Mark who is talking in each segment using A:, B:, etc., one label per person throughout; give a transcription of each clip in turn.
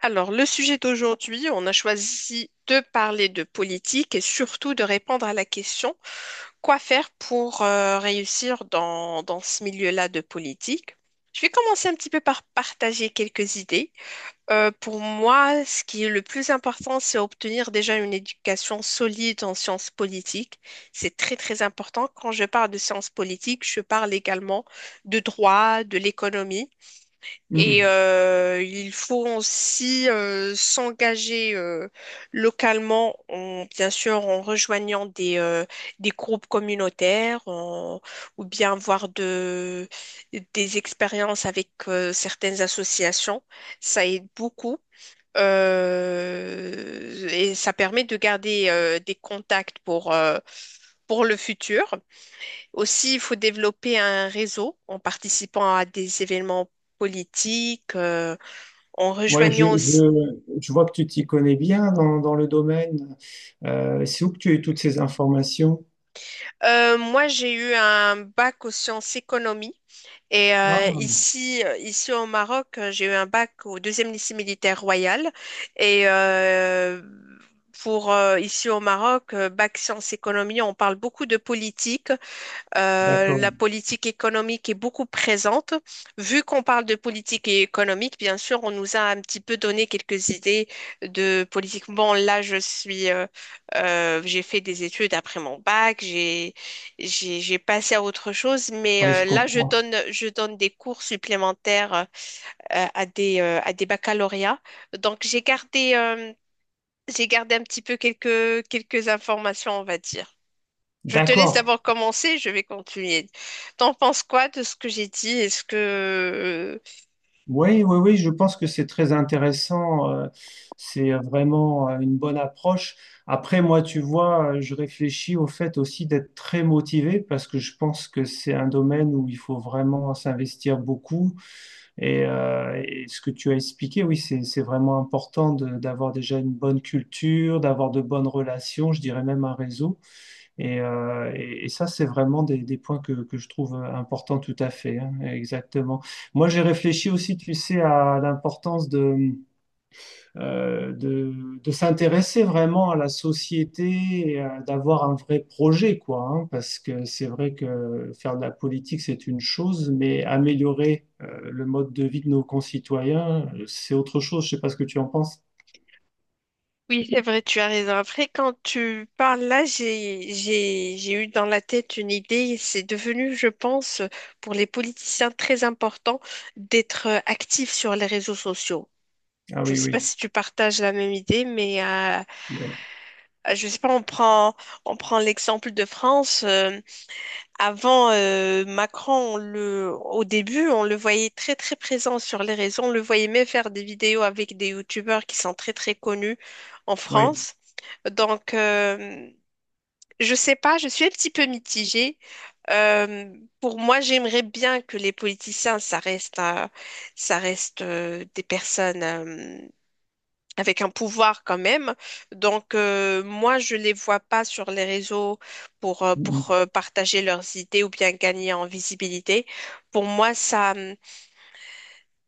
A: Alors, le sujet d'aujourd'hui, on a choisi de parler de politique et surtout de répondre à la question, quoi faire pour réussir dans ce milieu-là de politique? Je vais commencer un petit peu par partager quelques idées. Pour moi, ce qui est le plus important, c'est obtenir déjà une éducation solide en sciences politiques. C'est très, très important. Quand je parle de sciences politiques, je parle également de droit, de l'économie. Et
B: Mm.
A: il faut aussi s'engager localement, bien sûr en rejoignant des groupes communautaires ou bien voir des expériences avec certaines associations. Ça aide beaucoup. Et ça permet de garder des contacts pour le futur. Aussi, il faut développer un réseau en participant à des événements politiques, en
B: Ouais, je,
A: rejoignant aussi.
B: je vois que tu t'y connais bien dans, dans le domaine. C'est où que tu as eu toutes ces informations?
A: Moi, j'ai eu un bac aux sciences économie et
B: Ah,
A: ici, ici au Maroc, j'ai eu un bac au deuxième lycée militaire royal et pour ici au Maroc, bac sciences économie, on parle beaucoup de politique.
B: d'accord.
A: La politique économique est beaucoup présente. Vu qu'on parle de politique économique, bien sûr, on nous a un petit peu donné quelques idées de politique. Bon, là, j'ai fait des études après mon bac, j'ai passé à autre chose, mais
B: Oui, je
A: là,
B: comprends.
A: je donne des cours supplémentaires à à des baccalauréats. Donc, j'ai gardé un petit peu quelques informations, on va dire. Je te laisse
B: D'accord.
A: d'abord commencer, je vais continuer. T'en penses quoi de ce que j'ai dit? Est-ce que...
B: Oui, oui, oui, je pense que c'est très intéressant. C'est vraiment une bonne approche. Après, moi, tu vois, je réfléchis au fait aussi d'être très motivé parce que je pense que c'est un domaine où il faut vraiment s'investir beaucoup. Et ce que tu as expliqué, oui, c'est vraiment important d'avoir déjà une bonne culture, d'avoir de bonnes relations, je dirais même un réseau. Et, et ça, c'est vraiment des points que je trouve importants tout à fait, hein, exactement. Moi, j'ai réfléchi aussi, tu sais, à l'importance euh, de, de s'intéresser vraiment à la société, et d'avoir un vrai projet, quoi, hein, parce que c'est vrai que faire de la politique, c'est une chose, mais améliorer le mode de vie de nos concitoyens, c'est autre chose. Je sais pas ce que tu en penses.
A: Oui, c'est vrai, tu as raison. Après, quand tu parles là, j'ai eu dans la tête une idée. C'est devenu, je pense, pour les politiciens très important d'être actifs sur les réseaux sociaux.
B: Ah
A: Je ne
B: oui,
A: sais pas
B: oui.
A: si tu partages la même idée, mais
B: Ouais.
A: je ne sais pas, on prend l'exemple de France. Avant Macron, au début, on le voyait très très présent sur les réseaux. On le voyait même faire des vidéos avec des youtubeurs qui sont très très connus en France. Donc, je sais pas, je suis un petit peu mitigée. Euh, pour moi, j'aimerais bien que les politiciens, ça reste des personnes, avec un pouvoir quand même. Donc, moi, je les vois pas sur les réseaux
B: Oui.
A: pour partager leurs idées ou bien gagner en visibilité. Pour moi, ça,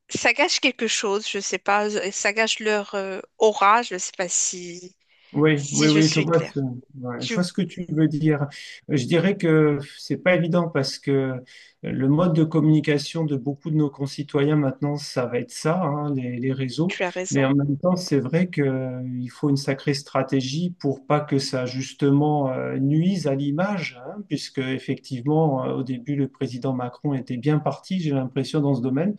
A: ça gâche quelque chose, je sais pas, ça gâche leur aura, je sais pas si,
B: Oui,
A: si
B: oui,
A: je
B: oui, je
A: suis
B: vois
A: claire.
B: ouais, je
A: Tu,
B: vois ce que tu veux dire. Je dirais que c'est pas évident parce que le mode de communication de beaucoup de nos concitoyens maintenant, ça va être ça, hein, les réseaux.
A: tu as
B: Mais
A: raison.
B: en même temps, c'est vrai qu'il faut une sacrée stratégie pour pas que ça justement nuise à l'image, hein, puisque effectivement, au début, le président Macron était bien parti, j'ai l'impression, dans ce domaine.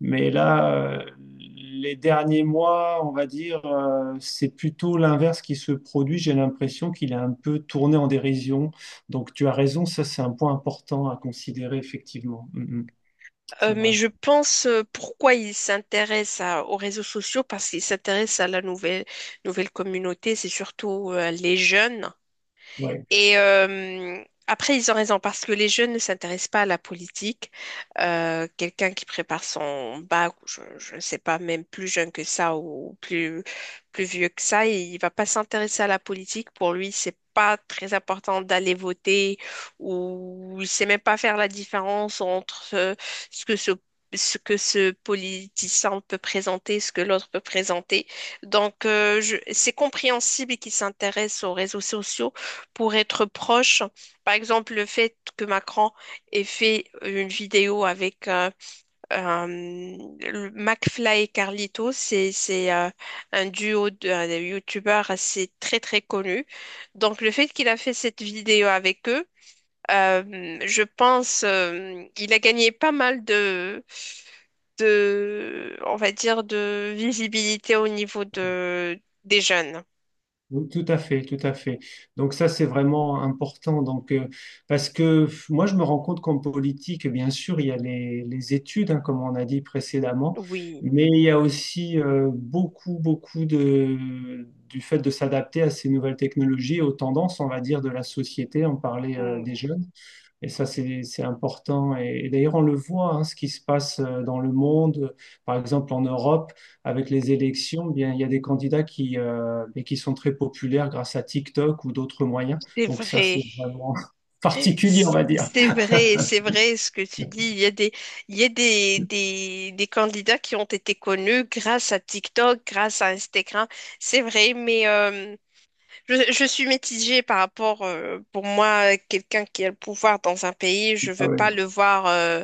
B: Mais là, euh, les derniers mois, on va dire, c'est plutôt l'inverse qui se produit. J'ai l'impression qu'il est un peu tourné en dérision. Donc tu as raison, ça c'est un point important à considérer, effectivement. Mm, mm, c'est
A: Mais
B: vrai.
A: je pense pourquoi ils s'intéressent aux réseaux sociaux, parce qu'ils s'intéressent à la nouvelle communauté, c'est surtout les jeunes.
B: Ouais.
A: Et après, ils ont raison parce que les jeunes ne s'intéressent pas à la politique. Quelqu'un qui prépare son bac, ou je ne sais pas, même plus jeune que ça ou plus vieux que ça, il ne va pas s'intéresser à la politique. Pour lui, c'est pas très important d'aller voter ou il sait même pas faire la différence entre ce que ce ce que ce politicien peut présenter, ce que l'autre peut présenter. Donc, c'est compréhensible qu'il s'intéresse aux réseaux sociaux pour être proche. Par exemple, le fait que Macron ait fait une vidéo avec le McFly et Carlito, c'est un duo de youtubeurs assez très très connu. Donc le fait qu'il a fait cette vidéo avec eux, je pense il a gagné pas mal de on va dire de visibilité au niveau de des jeunes.
B: Oui, tout à fait, tout à fait. Donc ça, c'est vraiment important. Donc parce que moi, je me rends compte qu'en politique, bien sûr, il y a les études, hein, comme on a dit précédemment,
A: Oui,
B: mais il y a aussi beaucoup, beaucoup de du fait de s'adapter à ces nouvelles technologies, aux tendances, on va dire, de la société. On parlait des
A: mm,
B: jeunes. Et ça, c'est important. Et d'ailleurs, on le voit, hein, ce qui se passe dans le monde, par exemple en Europe, avec les élections, eh bien, il y a des candidats qui, et qui sont très populaires grâce à TikTok ou d'autres moyens.
A: c'est
B: Donc ça,
A: vrai.
B: c'est vraiment particulier, on va dire.
A: C'est vrai, c'est vrai ce que tu dis. Il y a des des candidats qui ont été connus grâce à TikTok, grâce à Instagram. C'est vrai, mais je suis mitigée par rapport, pour moi, quelqu'un qui a le pouvoir dans un pays, je
B: Ah
A: veux pas
B: oui,
A: le voir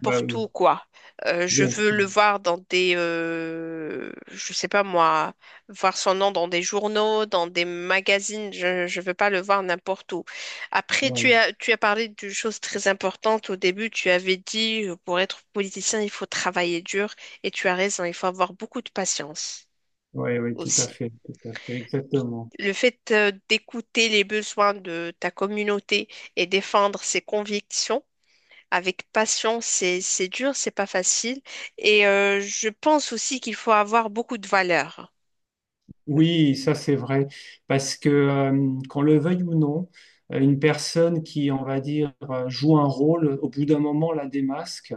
B: bah oui,
A: où, quoi. Je
B: bien
A: veux
B: sûr.
A: le voir dans je sais pas moi, voir son nom dans des journaux, dans des magazines. Je veux pas le voir n'importe où. Après,
B: Ouais,
A: tu as parlé d'une chose très importante au début. Tu avais dit, pour être politicien, il faut travailler dur, et tu as raison. Il faut avoir beaucoup de patience
B: ouais, ouais,
A: aussi.
B: tout à fait, exactement.
A: Le fait d'écouter les besoins de ta communauté et défendre ses convictions avec patience, c'est dur, c'est pas facile. Et je pense aussi qu'il faut avoir beaucoup de valeur.
B: Oui, ça c'est vrai, parce que qu'on le veuille ou non, une personne qui, on va dire, joue un rôle, au bout d'un moment la démasque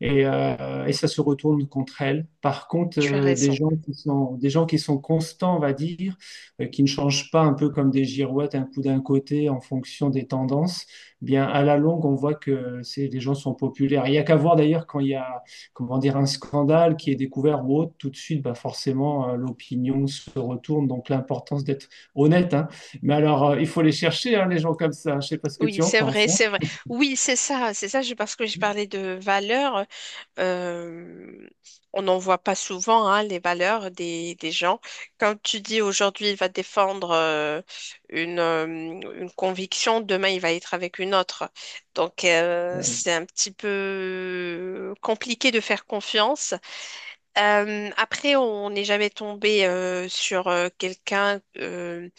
B: et ça se retourne contre elle. Par contre,
A: Tu as
B: des
A: raison.
B: gens qui sont, des gens qui sont constants, on va dire, qui ne changent pas un peu comme des girouettes, un coup d'un côté en fonction des tendances, bien à la longue, on voit que c'est, les gens sont populaires. Il y a qu'à voir d'ailleurs quand il y a comment dire, un scandale qui est découvert ou autre, tout de suite, bah forcément, l'opinion se retourne. Donc, l'importance d'être honnête, hein. Mais alors, il faut les chercher, hein, les gens comme ça. Je ne sais pas ce que
A: Oui,
B: tu en
A: c'est
B: penses,
A: vrai,
B: hein.
A: c'est vrai. Oui, c'est ça, c'est ça. Parce que je parlais de valeurs, euh, on n'en voit pas souvent, hein, les valeurs des gens. Quand tu dis aujourd'hui il va défendre une conviction, demain il va être avec une autre. Donc
B: Ouais.
A: c'est un petit peu compliqué de faire confiance. Après, on n'est jamais tombé sur quelqu'un,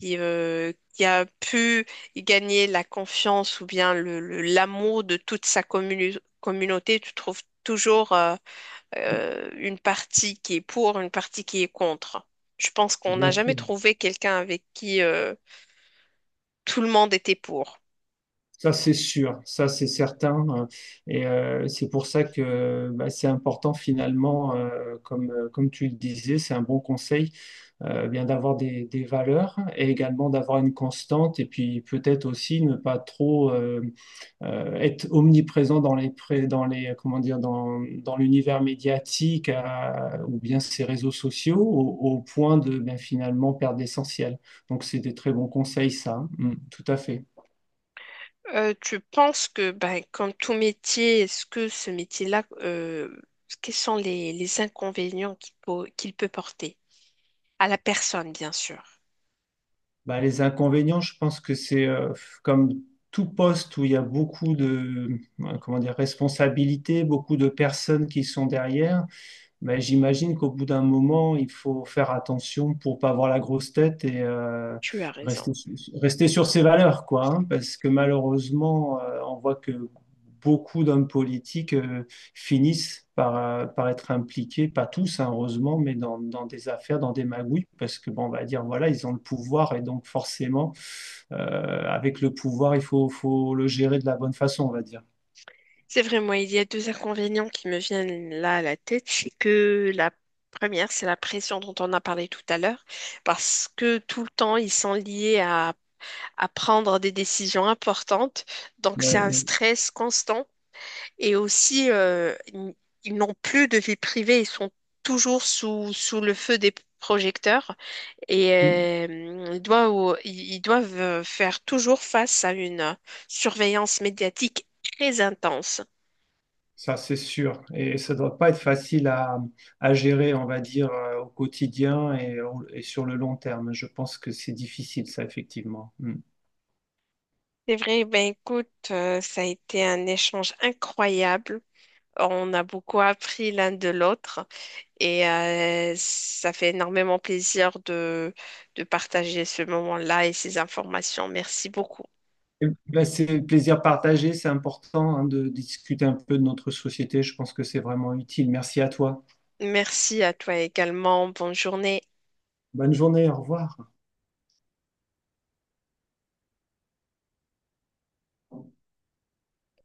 A: qui a pu gagner la confiance ou bien l'amour de toute sa communauté, tu trouves toujours une partie qui est pour, une partie qui est contre. Je pense qu'on n'a
B: Bien
A: jamais
B: sûr.
A: trouvé quelqu'un avec qui tout le monde était pour.
B: Ça, c'est sûr, ça, c'est certain. Et c'est pour ça que bah, c'est important finalement, comme, comme tu le disais, c'est un bon conseil, bien d'avoir des valeurs et également d'avoir une constante et puis peut-être aussi ne pas trop être omniprésent dans les, dans les, comment dire, dans, dans l'univers médiatique ou bien ces réseaux sociaux au, au point de ben, finalement perdre l'essentiel. Donc, c'est des très bons conseils, ça, hein. Mm, tout à fait.
A: Tu penses que, ben, comme tout métier, est-ce que ce métier-là, quels sont les inconvénients qu'il peut porter à la personne, bien sûr?
B: Bah, les inconvénients, je pense que c'est comme tout poste où il y a beaucoup de, comment dire, responsabilités, beaucoup de personnes qui sont derrière. Mais j'imagine qu'au bout d'un moment, il faut faire attention pour pas avoir la grosse tête et
A: Tu as raison.
B: rester, rester sur ses valeurs, quoi, hein. Parce que malheureusement, on voit que beaucoup d'hommes politiques finissent par, par être impliqués, pas tous, hein, heureusement, mais dans, dans des affaires, dans des magouilles, parce que, bon, on va dire, voilà, ils ont le pouvoir et donc forcément, euh, avec le pouvoir, il faut, faut le gérer de la bonne façon, on va dire.
A: C'est vrai, moi, il y a deux inconvénients qui me viennent là à la tête. C'est que la première, c'est la pression dont on a parlé tout à l'heure, parce que tout le temps, ils sont liés à prendre des décisions importantes. Donc, c'est
B: Ouais,
A: un stress constant. Et aussi, ils n'ont plus de vie privée, ils sont toujours sous le feu des projecteurs et
B: ouais.
A: ils doivent faire toujours face à une surveillance médiatique très intense.
B: Ça, c'est sûr. Et ça ne doit pas être facile à gérer, on va dire, au quotidien et sur le long terme. Je pense que c'est difficile, ça, effectivement. Mm.
A: C'est vrai, ben écoute, ça a été un échange incroyable. On a beaucoup appris l'un de l'autre et ça fait énormément plaisir de partager ce moment-là et ces informations. Merci beaucoup.
B: Et ben, c'est le plaisir partagé. C'est important, hein, de discuter un peu de notre société. Je pense que c'est vraiment utile. Merci à toi.
A: Merci à toi également. Bonne journée.
B: Bonne journée. Au revoir.